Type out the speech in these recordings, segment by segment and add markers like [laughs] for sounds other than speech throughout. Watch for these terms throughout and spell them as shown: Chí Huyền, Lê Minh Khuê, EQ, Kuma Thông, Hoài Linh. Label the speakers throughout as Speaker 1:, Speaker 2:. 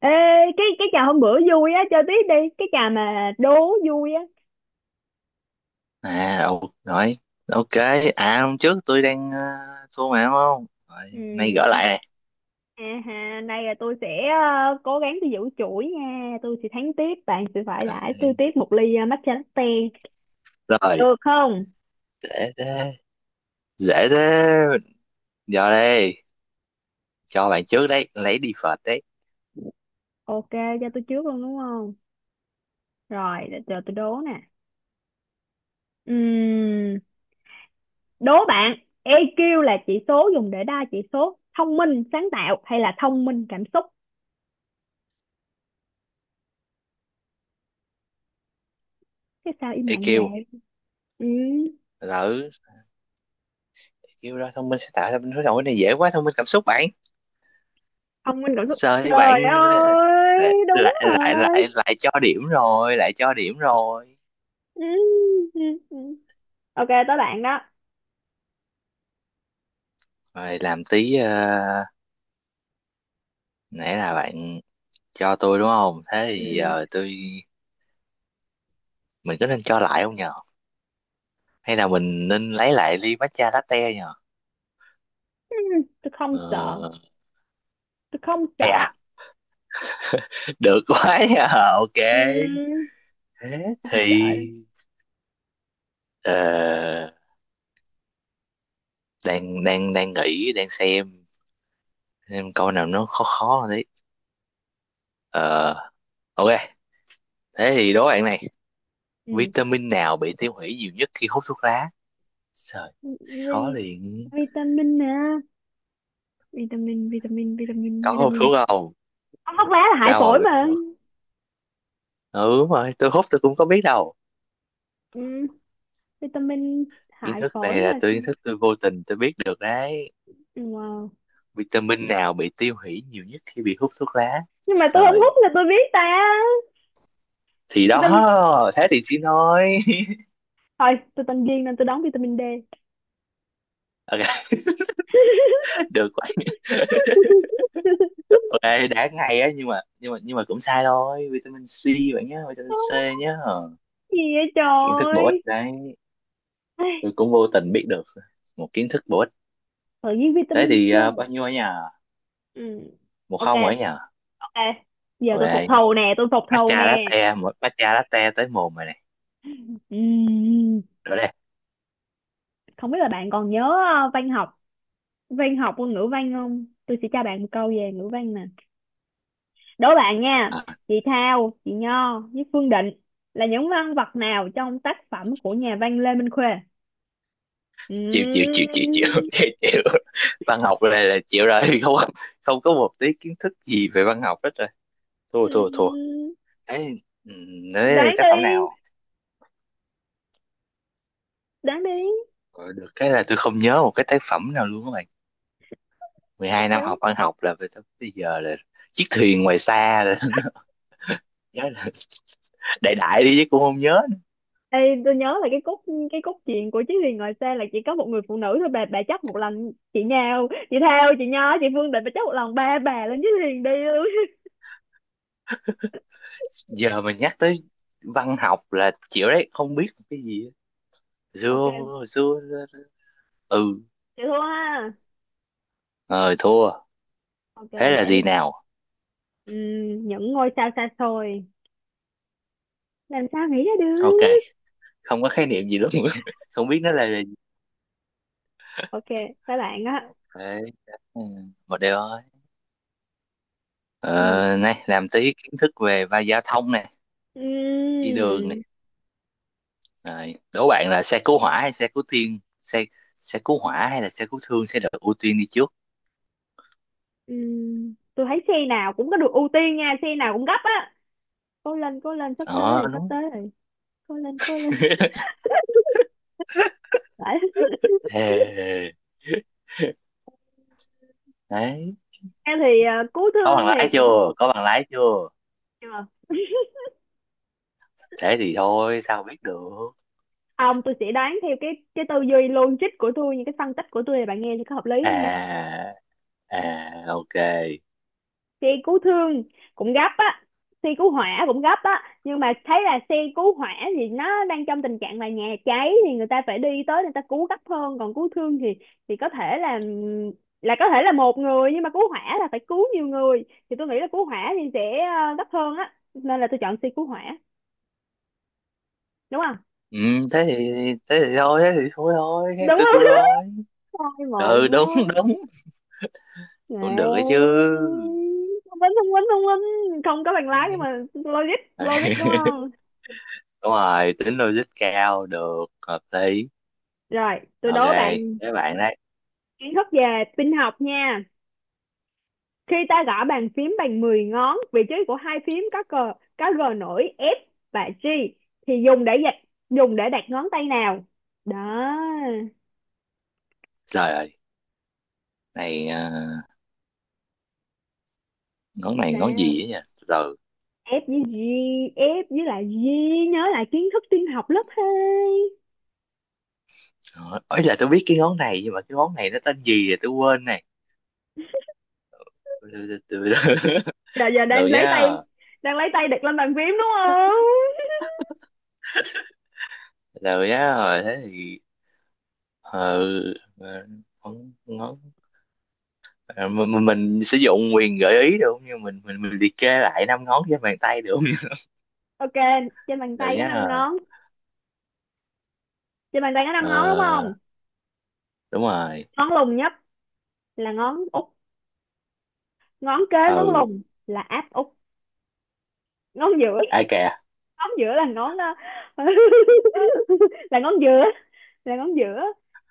Speaker 1: Ê, cái trò hôm bữa vui á, chơi tiếp đi. Cái trò mà đố vui á.
Speaker 2: À, ồ, rồi, ok. À, hôm trước tôi đang thua mà đúng không? Rồi, nay gỡ
Speaker 1: Ừ.
Speaker 2: lại nè.
Speaker 1: À ha, đây là tôi sẽ cố gắng tôi giữ chuỗi nha. Tôi sẽ thắng tiếp, bạn sẽ phải đãi tôi
Speaker 2: Ok.
Speaker 1: tiếp một ly matcha latte.
Speaker 2: Rồi,
Speaker 1: Được không?
Speaker 2: dễ thế. Dễ thế. Giờ đây, cho bạn trước đấy, lấy đi phật đấy.
Speaker 1: Ok, cho tôi trước luôn đúng không? Rồi, để chờ tôi đố nè. Ừm, đố bạn, EQ là chỉ số dùng để đo chỉ số thông minh, sáng tạo hay là thông minh, cảm xúc? Thế sao im lặng như
Speaker 2: EQ.
Speaker 1: vậy? Ừ.
Speaker 2: Lỡ, EQ đó, thông minh sẽ tạo ra bên đối đầu. Cái này dễ quá, thông minh cảm xúc bạn.
Speaker 1: Ông Minh Cẩu Thúc
Speaker 2: Trời,
Speaker 1: trời
Speaker 2: bạn lại,
Speaker 1: ơi đúng
Speaker 2: lại, lại,
Speaker 1: rồi.
Speaker 2: lại, lại cho điểm rồi, lại cho điểm rồi.
Speaker 1: Ừ, ừ, ừ. Ok tới bạn đó.
Speaker 2: Rồi, làm tí, nãy là bạn cho tôi đúng không? Thế
Speaker 1: Ừ.
Speaker 2: thì giờ tôi, mình có nên cho lại không nhờ? Hay là mình nên lấy lại ly matcha latte nhờ?
Speaker 1: Ừ. Tôi không
Speaker 2: Ờ,
Speaker 1: sợ, tôi không
Speaker 2: hay
Speaker 1: sợ.
Speaker 2: à, được quá nha. Ok,
Speaker 1: Ừ.
Speaker 2: thế
Speaker 1: Không
Speaker 2: thì
Speaker 1: sợ đâu.
Speaker 2: ờ, đang đang đang nghĩ, đang xem câu nào nó khó khó hơn đấy. Ờ, ok, thế thì đố bạn này:
Speaker 1: Ừ.
Speaker 2: vitamin nào bị tiêu hủy nhiều nhất khi hút thuốc lá? Trời,
Speaker 1: Vi
Speaker 2: khó liền.
Speaker 1: vitamin nè, vitamin vitamin vitamin
Speaker 2: Có hút
Speaker 1: vitamin
Speaker 2: thuốc không?
Speaker 1: Ông thuốc lá là hại
Speaker 2: Sao mà
Speaker 1: phổi
Speaker 2: biết
Speaker 1: mà.
Speaker 2: được? Ừ, đúng rồi, tôi hút tôi cũng có biết đâu.
Speaker 1: Ừ. Vitamin
Speaker 2: Kiến
Speaker 1: hại
Speaker 2: thức này
Speaker 1: phổi
Speaker 2: là
Speaker 1: mà.
Speaker 2: tôi, kiến thức tôi vô tình tôi biết được đấy.
Speaker 1: Ừ, wow.
Speaker 2: Vitamin nào bị tiêu hủy nhiều nhất khi bị hút thuốc lá?
Speaker 1: Nhưng mà tôi không
Speaker 2: Rồi
Speaker 1: hút là tôi biết ta.
Speaker 2: thì
Speaker 1: Vitamin,
Speaker 2: đó, thế thì chỉ nói.
Speaker 1: thôi tôi tên Duyên nên tôi đón vitamin D.
Speaker 2: [laughs] Ok, được quá. [laughs] Ok, đã ngay á, nhưng mà cũng sai thôi, vitamin C bạn nhé, vitamin C
Speaker 1: [laughs]
Speaker 2: nhé. Ờ,
Speaker 1: Gì vậy
Speaker 2: kiến thức bổ ích
Speaker 1: trời.
Speaker 2: đấy,
Speaker 1: Ai,
Speaker 2: tôi cũng vô tình biết được một kiến thức bổ ích.
Speaker 1: tự nhiên
Speaker 2: Thế
Speaker 1: vitamin
Speaker 2: thì
Speaker 1: C.
Speaker 2: ờ, bao nhiêu ở nhà?
Speaker 1: Ừ.
Speaker 2: Một
Speaker 1: Ok,
Speaker 2: không ở nhà.
Speaker 1: ok. Giờ tôi phục
Speaker 2: Ok,
Speaker 1: thù nè, tôi phục thù nè.
Speaker 2: matcha latte, một matcha latte tới mồm rồi này.
Speaker 1: Ừm,
Speaker 2: Rồi đây.
Speaker 1: không biết là bạn còn nhớ văn học, ngôn ngữ văn không. Tôi sẽ cho bạn một câu về ngữ văn nè, đố bạn nha.
Speaker 2: À.
Speaker 1: Chị Thao, chị Nho với Phương Định là những nhân vật nào trong tác phẩm của nhà văn Lê Minh Khuê?
Speaker 2: chịu chịu chịu chịu chịu. [laughs]
Speaker 1: Ừm,
Speaker 2: chịu chịu, văn học này là chịu rồi. [laughs] Không, không có một tí kiến thức gì về văn học hết rồi. Thua thua thua.
Speaker 1: ừm,
Speaker 2: Ấy, nói
Speaker 1: đoán
Speaker 2: tác phẩm
Speaker 1: đi,
Speaker 2: nào?
Speaker 1: đoán đi.
Speaker 2: Ờ, được cái là tôi không nhớ một cái tác phẩm nào luôn các bạn. Mười hai năm học văn học là về tới bây giờ là chiếc thuyền ngoài xa là, [laughs] nhớ là đại đại đi chứ cũng không nhớ.
Speaker 1: Ê, tôi nhớ là cái cốt truyện của Chí Huyền ngoài xe là chỉ có một người phụ nữ thôi. Bà chắc một lần chị Nhào, chị Thao, chị Nho, chị Phương Định, bà chắc một lần ba bà lên Chí Huyền đi luôn.
Speaker 2: Giờ mình nhắc tới văn học là chịu đấy, không biết một cái gì á.
Speaker 1: [laughs]
Speaker 2: xưa
Speaker 1: Ok,
Speaker 2: xưa Ừ,
Speaker 1: chị thua ha.
Speaker 2: rồi, thua.
Speaker 1: Ok,
Speaker 2: Thế là
Speaker 1: để
Speaker 2: gì nào?
Speaker 1: những ngôi sao xa xôi, làm sao nghĩ ra
Speaker 2: Ok,
Speaker 1: được.
Speaker 2: không có khái niệm gì lắm. [laughs] Không biết nó là gì.
Speaker 1: Ok các bạn á.
Speaker 2: Thế, ừ, một điều thôi. Ờ,
Speaker 1: Ừm,
Speaker 2: này làm tí kiến thức về va giao thông nè, đi đường nè.
Speaker 1: ừm,
Speaker 2: Rồi đố bạn là xe cứu hỏa hay xe cứu thương, xe xe cứu hỏa hay là xe cứu thương sẽ được ưu tiên đi trước?
Speaker 1: tôi thấy xe nào cũng có được ưu tiên nha, xe nào cũng gấp á. Cố lên, cố lên, sắp tới
Speaker 2: Ờ,
Speaker 1: rồi, sắp
Speaker 2: đúng.
Speaker 1: tới rồi. Cố lên, cố lên. [laughs]
Speaker 2: [laughs]
Speaker 1: Phải.
Speaker 2: Thề. Đấy,
Speaker 1: Em thì à, cứu
Speaker 2: có bằng
Speaker 1: thương thì
Speaker 2: lái
Speaker 1: cũng
Speaker 2: chưa? Có bằng lái chưa?
Speaker 1: chưa.
Speaker 2: Thế thì thôi, sao biết được?
Speaker 1: Không, tôi sẽ đoán theo cái tư duy logic của tôi, những cái phân tích của tôi này bạn nghe thì có hợp lý không nha.
Speaker 2: À, à, ok.
Speaker 1: Xe cứu thương cũng gấp á, xe cứu hỏa cũng gấp á, nhưng mà thấy là xe cứu hỏa thì nó đang trong tình trạng là nhà cháy thì người ta phải đi tới người ta cứu gấp hơn, còn cứu thương thì có thể là có thể là một người, nhưng mà cứu hỏa là phải cứu nhiều người, thì tôi nghĩ là cứu hỏa thì sẽ gấp hơn á, nên là tôi chọn xe cứu hỏa, đúng không,
Speaker 2: Ừ, thế thì thế thì thôi thôi
Speaker 1: đúng
Speaker 2: thế tôi
Speaker 1: không?
Speaker 2: thôi.
Speaker 1: [laughs] Hai một
Speaker 2: Ừ,
Speaker 1: nhá.
Speaker 2: đúng. [laughs] Đúng,
Speaker 1: Đấy.
Speaker 2: cũng được ấy chứ.
Speaker 1: Thông minh, thông minh, thông minh. Không có bằng lái nhưng mà logic, logic
Speaker 2: [laughs]
Speaker 1: đúng không?
Speaker 2: Đúng rồi, tính logic cao, được, hợp lý.
Speaker 1: Rồi, tôi
Speaker 2: Ok,
Speaker 1: đố bạn
Speaker 2: các bạn đấy.
Speaker 1: kiến thức về tin học nha. Khi ta gõ bàn phím bằng 10 ngón, vị trí của hai phím có cờ, có G nổi F và G thì dùng để dịch, dùng để đặt ngón tay nào? Đó,
Speaker 2: Trời ơi, này à, ngón này ngón gì
Speaker 1: sao?
Speaker 2: ấy nhỉ, từ từ.
Speaker 1: F với G, F với lại G, nhớ lại kiến thức tin học lớp hai.
Speaker 2: Ờ, ấy là tôi biết cái ngón này, nhưng mà cái ngón này nó tên gì rồi tôi quên này. Từ từ.
Speaker 1: Giờ
Speaker 2: [laughs]
Speaker 1: giờ
Speaker 2: Từ từ nhá.
Speaker 1: đang lấy tay đặt lên bàn phím đúng không?
Speaker 2: Từ từ nhá, rồi thế thì ờ, ờ, ngón ngón ờ, mình sử dụng quyền gợi ý được không? Nhưng mình liệt kê lại năm ngón trên bàn tay được không? [laughs]
Speaker 1: Ok, trên bàn
Speaker 2: Từ từ
Speaker 1: tay có 5
Speaker 2: nhá.
Speaker 1: ngón. Trên bàn tay có năm
Speaker 2: Ờ,
Speaker 1: ngón đúng không?
Speaker 2: đúng rồi.
Speaker 1: Ngón lùng nhất là ngón út, ngón kế ngón
Speaker 2: Ừ,
Speaker 1: lùng là áp út, ngón giữa,
Speaker 2: ai kìa.
Speaker 1: ngón giữa là ngón [laughs] là ngón giữa, là ngón giữa.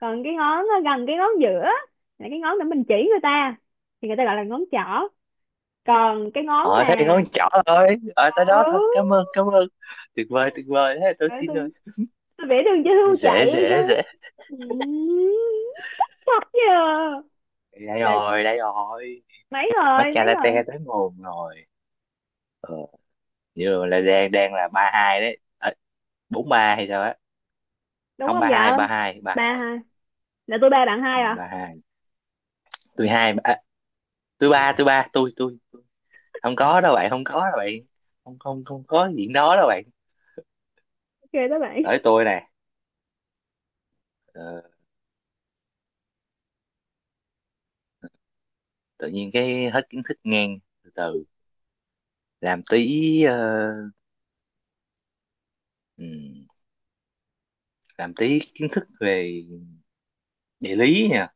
Speaker 1: Còn cái ngón gần cái ngón giữa là cái ngón để mình chỉ người ta thì người ta gọi là ngón trỏ. Còn cái ngón
Speaker 2: Ờ,
Speaker 1: mà.
Speaker 2: thấy ngón trỏ thôi. Ờ, tới
Speaker 1: Ừ,
Speaker 2: đó thôi, cảm ơn, cảm ơn. Tuyệt vời, tuyệt vời, thế tôi
Speaker 1: phải
Speaker 2: xin
Speaker 1: không?
Speaker 2: rồi.
Speaker 1: Tôi vẽ đường cho
Speaker 2: Ôi,
Speaker 1: hươu
Speaker 2: dễ
Speaker 1: chạy hay
Speaker 2: dễ
Speaker 1: sao?
Speaker 2: dễ
Speaker 1: Ừ, chắc nhờ.
Speaker 2: Đây
Speaker 1: Là
Speaker 2: rồi, đây rồi.
Speaker 1: mấy rồi,
Speaker 2: Matcha
Speaker 1: mấy rồi.
Speaker 2: latte tới nguồn rồi. Ờ, như là đang đang là ba hai đấy. Ờ, bốn ba hay sao á?
Speaker 1: Đúng
Speaker 2: Không,
Speaker 1: không
Speaker 2: ba
Speaker 1: vợ?
Speaker 2: hai ba hai ba
Speaker 1: Ba
Speaker 2: hai
Speaker 1: hả? Là tôi ba bạn
Speaker 2: Ừ,
Speaker 1: hai à?
Speaker 2: ba hai. Tôi hai à, tôi ba, tôi ba tôi tôi. Không có đâu bạn, không có đâu bạn. Không không, không có chuyện đó đâu bạn.
Speaker 1: Ok các bạn.
Speaker 2: Tới tôi nè. Ờ, tự nhiên cái hết kiến thức ngang, từ từ. Làm tí ờ, ừm, làm tí kiến thức về địa lý nha,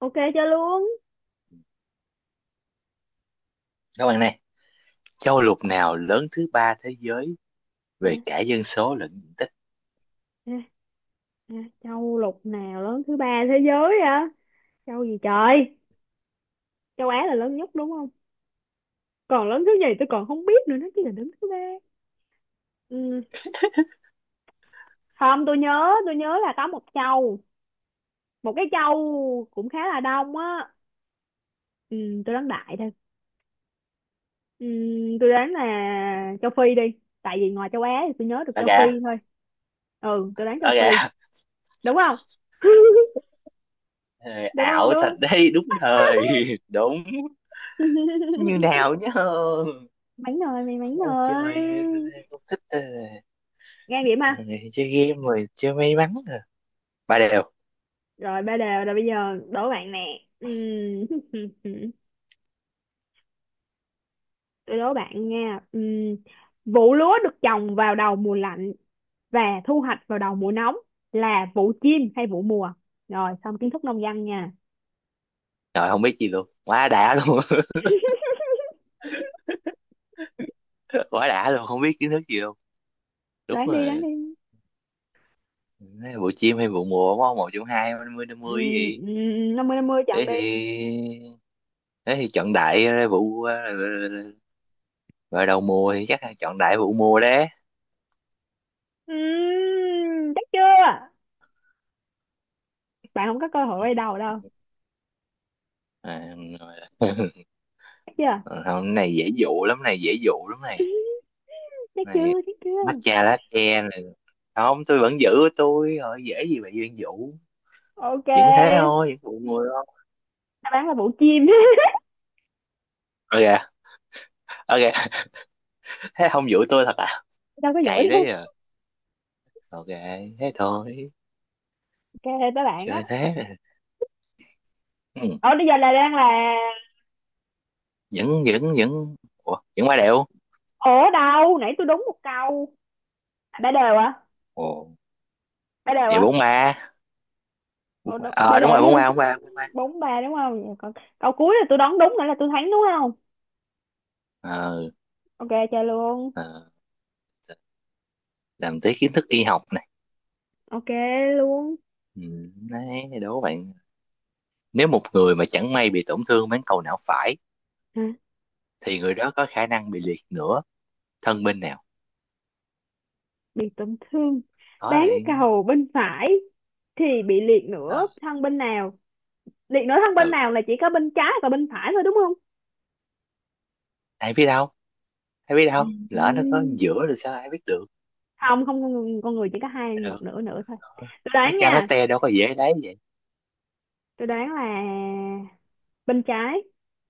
Speaker 1: Ok chơi luôn.
Speaker 2: các bạn này. Châu lục nào lớn thứ ba thế giới
Speaker 1: à,
Speaker 2: về cả dân số lẫn diện tích?
Speaker 1: à, à, châu lục nào lớn thứ ba thế giới hả? Châu gì trời. Châu Á là lớn nhất đúng không? Còn lớn thứ gì tôi còn không biết nữa, nó chỉ là lớn thứ ba. Ừ. Không, tôi nhớ là có một châu, một cái châu cũng khá là đông á. Ừ, tôi đoán đại thôi. Ừ, tôi đoán là châu Phi đi, tại vì ngoài châu Á thì tôi nhớ được
Speaker 2: Đó
Speaker 1: châu Phi
Speaker 2: kìa,
Speaker 1: thôi. Ừ, tôi đoán châu
Speaker 2: đó
Speaker 1: Phi,
Speaker 2: kìa. [laughs]
Speaker 1: đúng không? [laughs]
Speaker 2: Ờ,
Speaker 1: Đúng không,
Speaker 2: ảo
Speaker 1: đúng
Speaker 2: thật
Speaker 1: không?
Speaker 2: đấy, đúng thời. [laughs] Đúng. Như
Speaker 1: [laughs]
Speaker 2: nào nhá.
Speaker 1: Mánh rồi mày, mánh
Speaker 2: Ông
Speaker 1: rồi.
Speaker 2: trời, ông thích ờ,
Speaker 1: Ngang điểm ha.
Speaker 2: chơi game rồi, chơi may mắn rồi. Ba đều
Speaker 1: Rồi ba đều rồi, bây giờ đố bạn nè. [laughs] Tôi đố bạn nha. Vụ lúa được trồng vào đầu mùa lạnh và thu hoạch vào đầu mùa nóng là vụ chim hay vụ mùa? Rồi xong kiến thức nông dân nha.
Speaker 2: rồi. Không biết gì luôn, quá đã luôn. [laughs] Quá đã luôn, không biết kiến thức gì luôn. Đúng
Speaker 1: Đoán đi, đoán
Speaker 2: rồi.
Speaker 1: đi.
Speaker 2: Đấy, bộ chim hay vụ mùa, đúng không, một trong hai, năm mươi gì.
Speaker 1: Năm mươi chọn
Speaker 2: Thế
Speaker 1: đi.
Speaker 2: thì, thế thì chọn đại ra vụ ờ, vào đầu mùa thì chắc là chọn đại vụ mùa đấy.
Speaker 1: Chắc chưa? Bạn không có cơ hội quay đầu đâu.
Speaker 2: À, rồi. [laughs]
Speaker 1: Chắc chưa?
Speaker 2: Còn không, cái này dễ dụ lắm này, dễ dụ lắm này.
Speaker 1: Chắc
Speaker 2: Này,
Speaker 1: chưa, chắc chưa?
Speaker 2: matcha latte này. Không, tôi vẫn giữ của tôi rồi, dễ gì mà duyên dụ.
Speaker 1: Ok.
Speaker 2: Vẫn thế thôi, vẫn vụ mùa thôi.
Speaker 1: Đáp án là vụ chim. [laughs]
Speaker 2: Ok. Ok. [laughs] Thế không dụ tôi thật à?
Speaker 1: Đâu có giỏi
Speaker 2: Cày đấy
Speaker 1: đâu.
Speaker 2: à? Ok, thế thôi.
Speaker 1: Ok tới bạn á.
Speaker 2: Chơi thế à. Ừ.
Speaker 1: Ở bây giờ là đang là.
Speaker 2: vẫn vẫn vẫn. Ủa, vẫn qua đẹo.
Speaker 1: Ủa đâu? Nãy tôi đúng một câu. À, ba đều à?
Speaker 2: Ồ,
Speaker 1: Ba đều
Speaker 2: vậy
Speaker 1: à?
Speaker 2: bóng ma, bóng
Speaker 1: Ủa,
Speaker 2: ma
Speaker 1: đúng. Ba
Speaker 2: ờ
Speaker 1: đều
Speaker 2: đúng rồi,
Speaker 1: hay
Speaker 2: bóng ma.
Speaker 1: bốn ba đúng không? Vậy còn câu cuối là tôi đoán đúng nữa là tôi thắng đúng không?
Speaker 2: Ờ,
Speaker 1: Ok chơi luôn.
Speaker 2: ờ, làm tới kiến thức y học này.
Speaker 1: Ok luôn.
Speaker 2: Ừ, đấy, đố bạn, nếu một người mà chẳng may bị tổn thương bán cầu não phải
Speaker 1: Hả?
Speaker 2: thì người đó có khả năng bị liệt nửa thân bên nào?
Speaker 1: Bị tổn thương.
Speaker 2: Có
Speaker 1: Bán
Speaker 2: liền.
Speaker 1: cầu bên phải thì bị liệt
Speaker 2: Ờ,
Speaker 1: nửa thân bên nào? Liệt nửa thân bên
Speaker 2: ừ,
Speaker 1: nào là chỉ có bên trái và bên phải thôi đúng không?
Speaker 2: ai biết đâu, ai biết đâu, lỡ nó có
Speaker 1: Ừm.
Speaker 2: giữa rồi sao, ai biết được?
Speaker 1: Không không, con người, con người chỉ có hai một
Speaker 2: Được,
Speaker 1: nửa nửa thôi. Tôi
Speaker 2: mấy
Speaker 1: đoán
Speaker 2: chai
Speaker 1: nha.
Speaker 2: latte đâu có dễ lấy vậy.
Speaker 1: Tôi đoán là bên trái,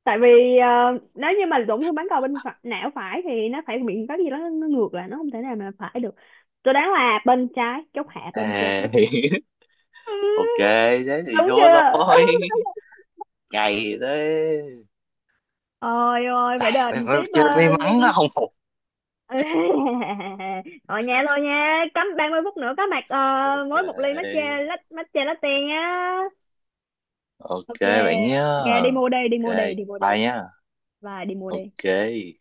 Speaker 1: tại vì ờ, nếu như mà tổn thương bán cầu bên phải, não phải thì nó phải bị có gì đó nó ngược lại, nó không thể nào mà phải được. Tôi đoán là bên trái, chốt hạ bên trái.
Speaker 2: À,
Speaker 1: [laughs] Ừ,
Speaker 2: [laughs] ok, thế thì
Speaker 1: đúng
Speaker 2: thua
Speaker 1: chưa? [laughs]
Speaker 2: thôi. Ngày tới.
Speaker 1: Ôi ôi, phải
Speaker 2: Tại mày,
Speaker 1: đền
Speaker 2: mày
Speaker 1: tiếp
Speaker 2: chơi may mắn nó
Speaker 1: ly.
Speaker 2: không phục.
Speaker 1: [laughs] Rồi nha, thôi nha, cắm 30 phút nữa có mặt
Speaker 2: Ok.
Speaker 1: mỗi một ly matcha matcha latte nha.
Speaker 2: Ok,
Speaker 1: Ok.
Speaker 2: bạn nhé.
Speaker 1: Ok đi mua đi, đi
Speaker 2: Ok,
Speaker 1: mua đi, đi mua đi.
Speaker 2: bye nhé.
Speaker 1: Và đi mua đi.
Speaker 2: Ok.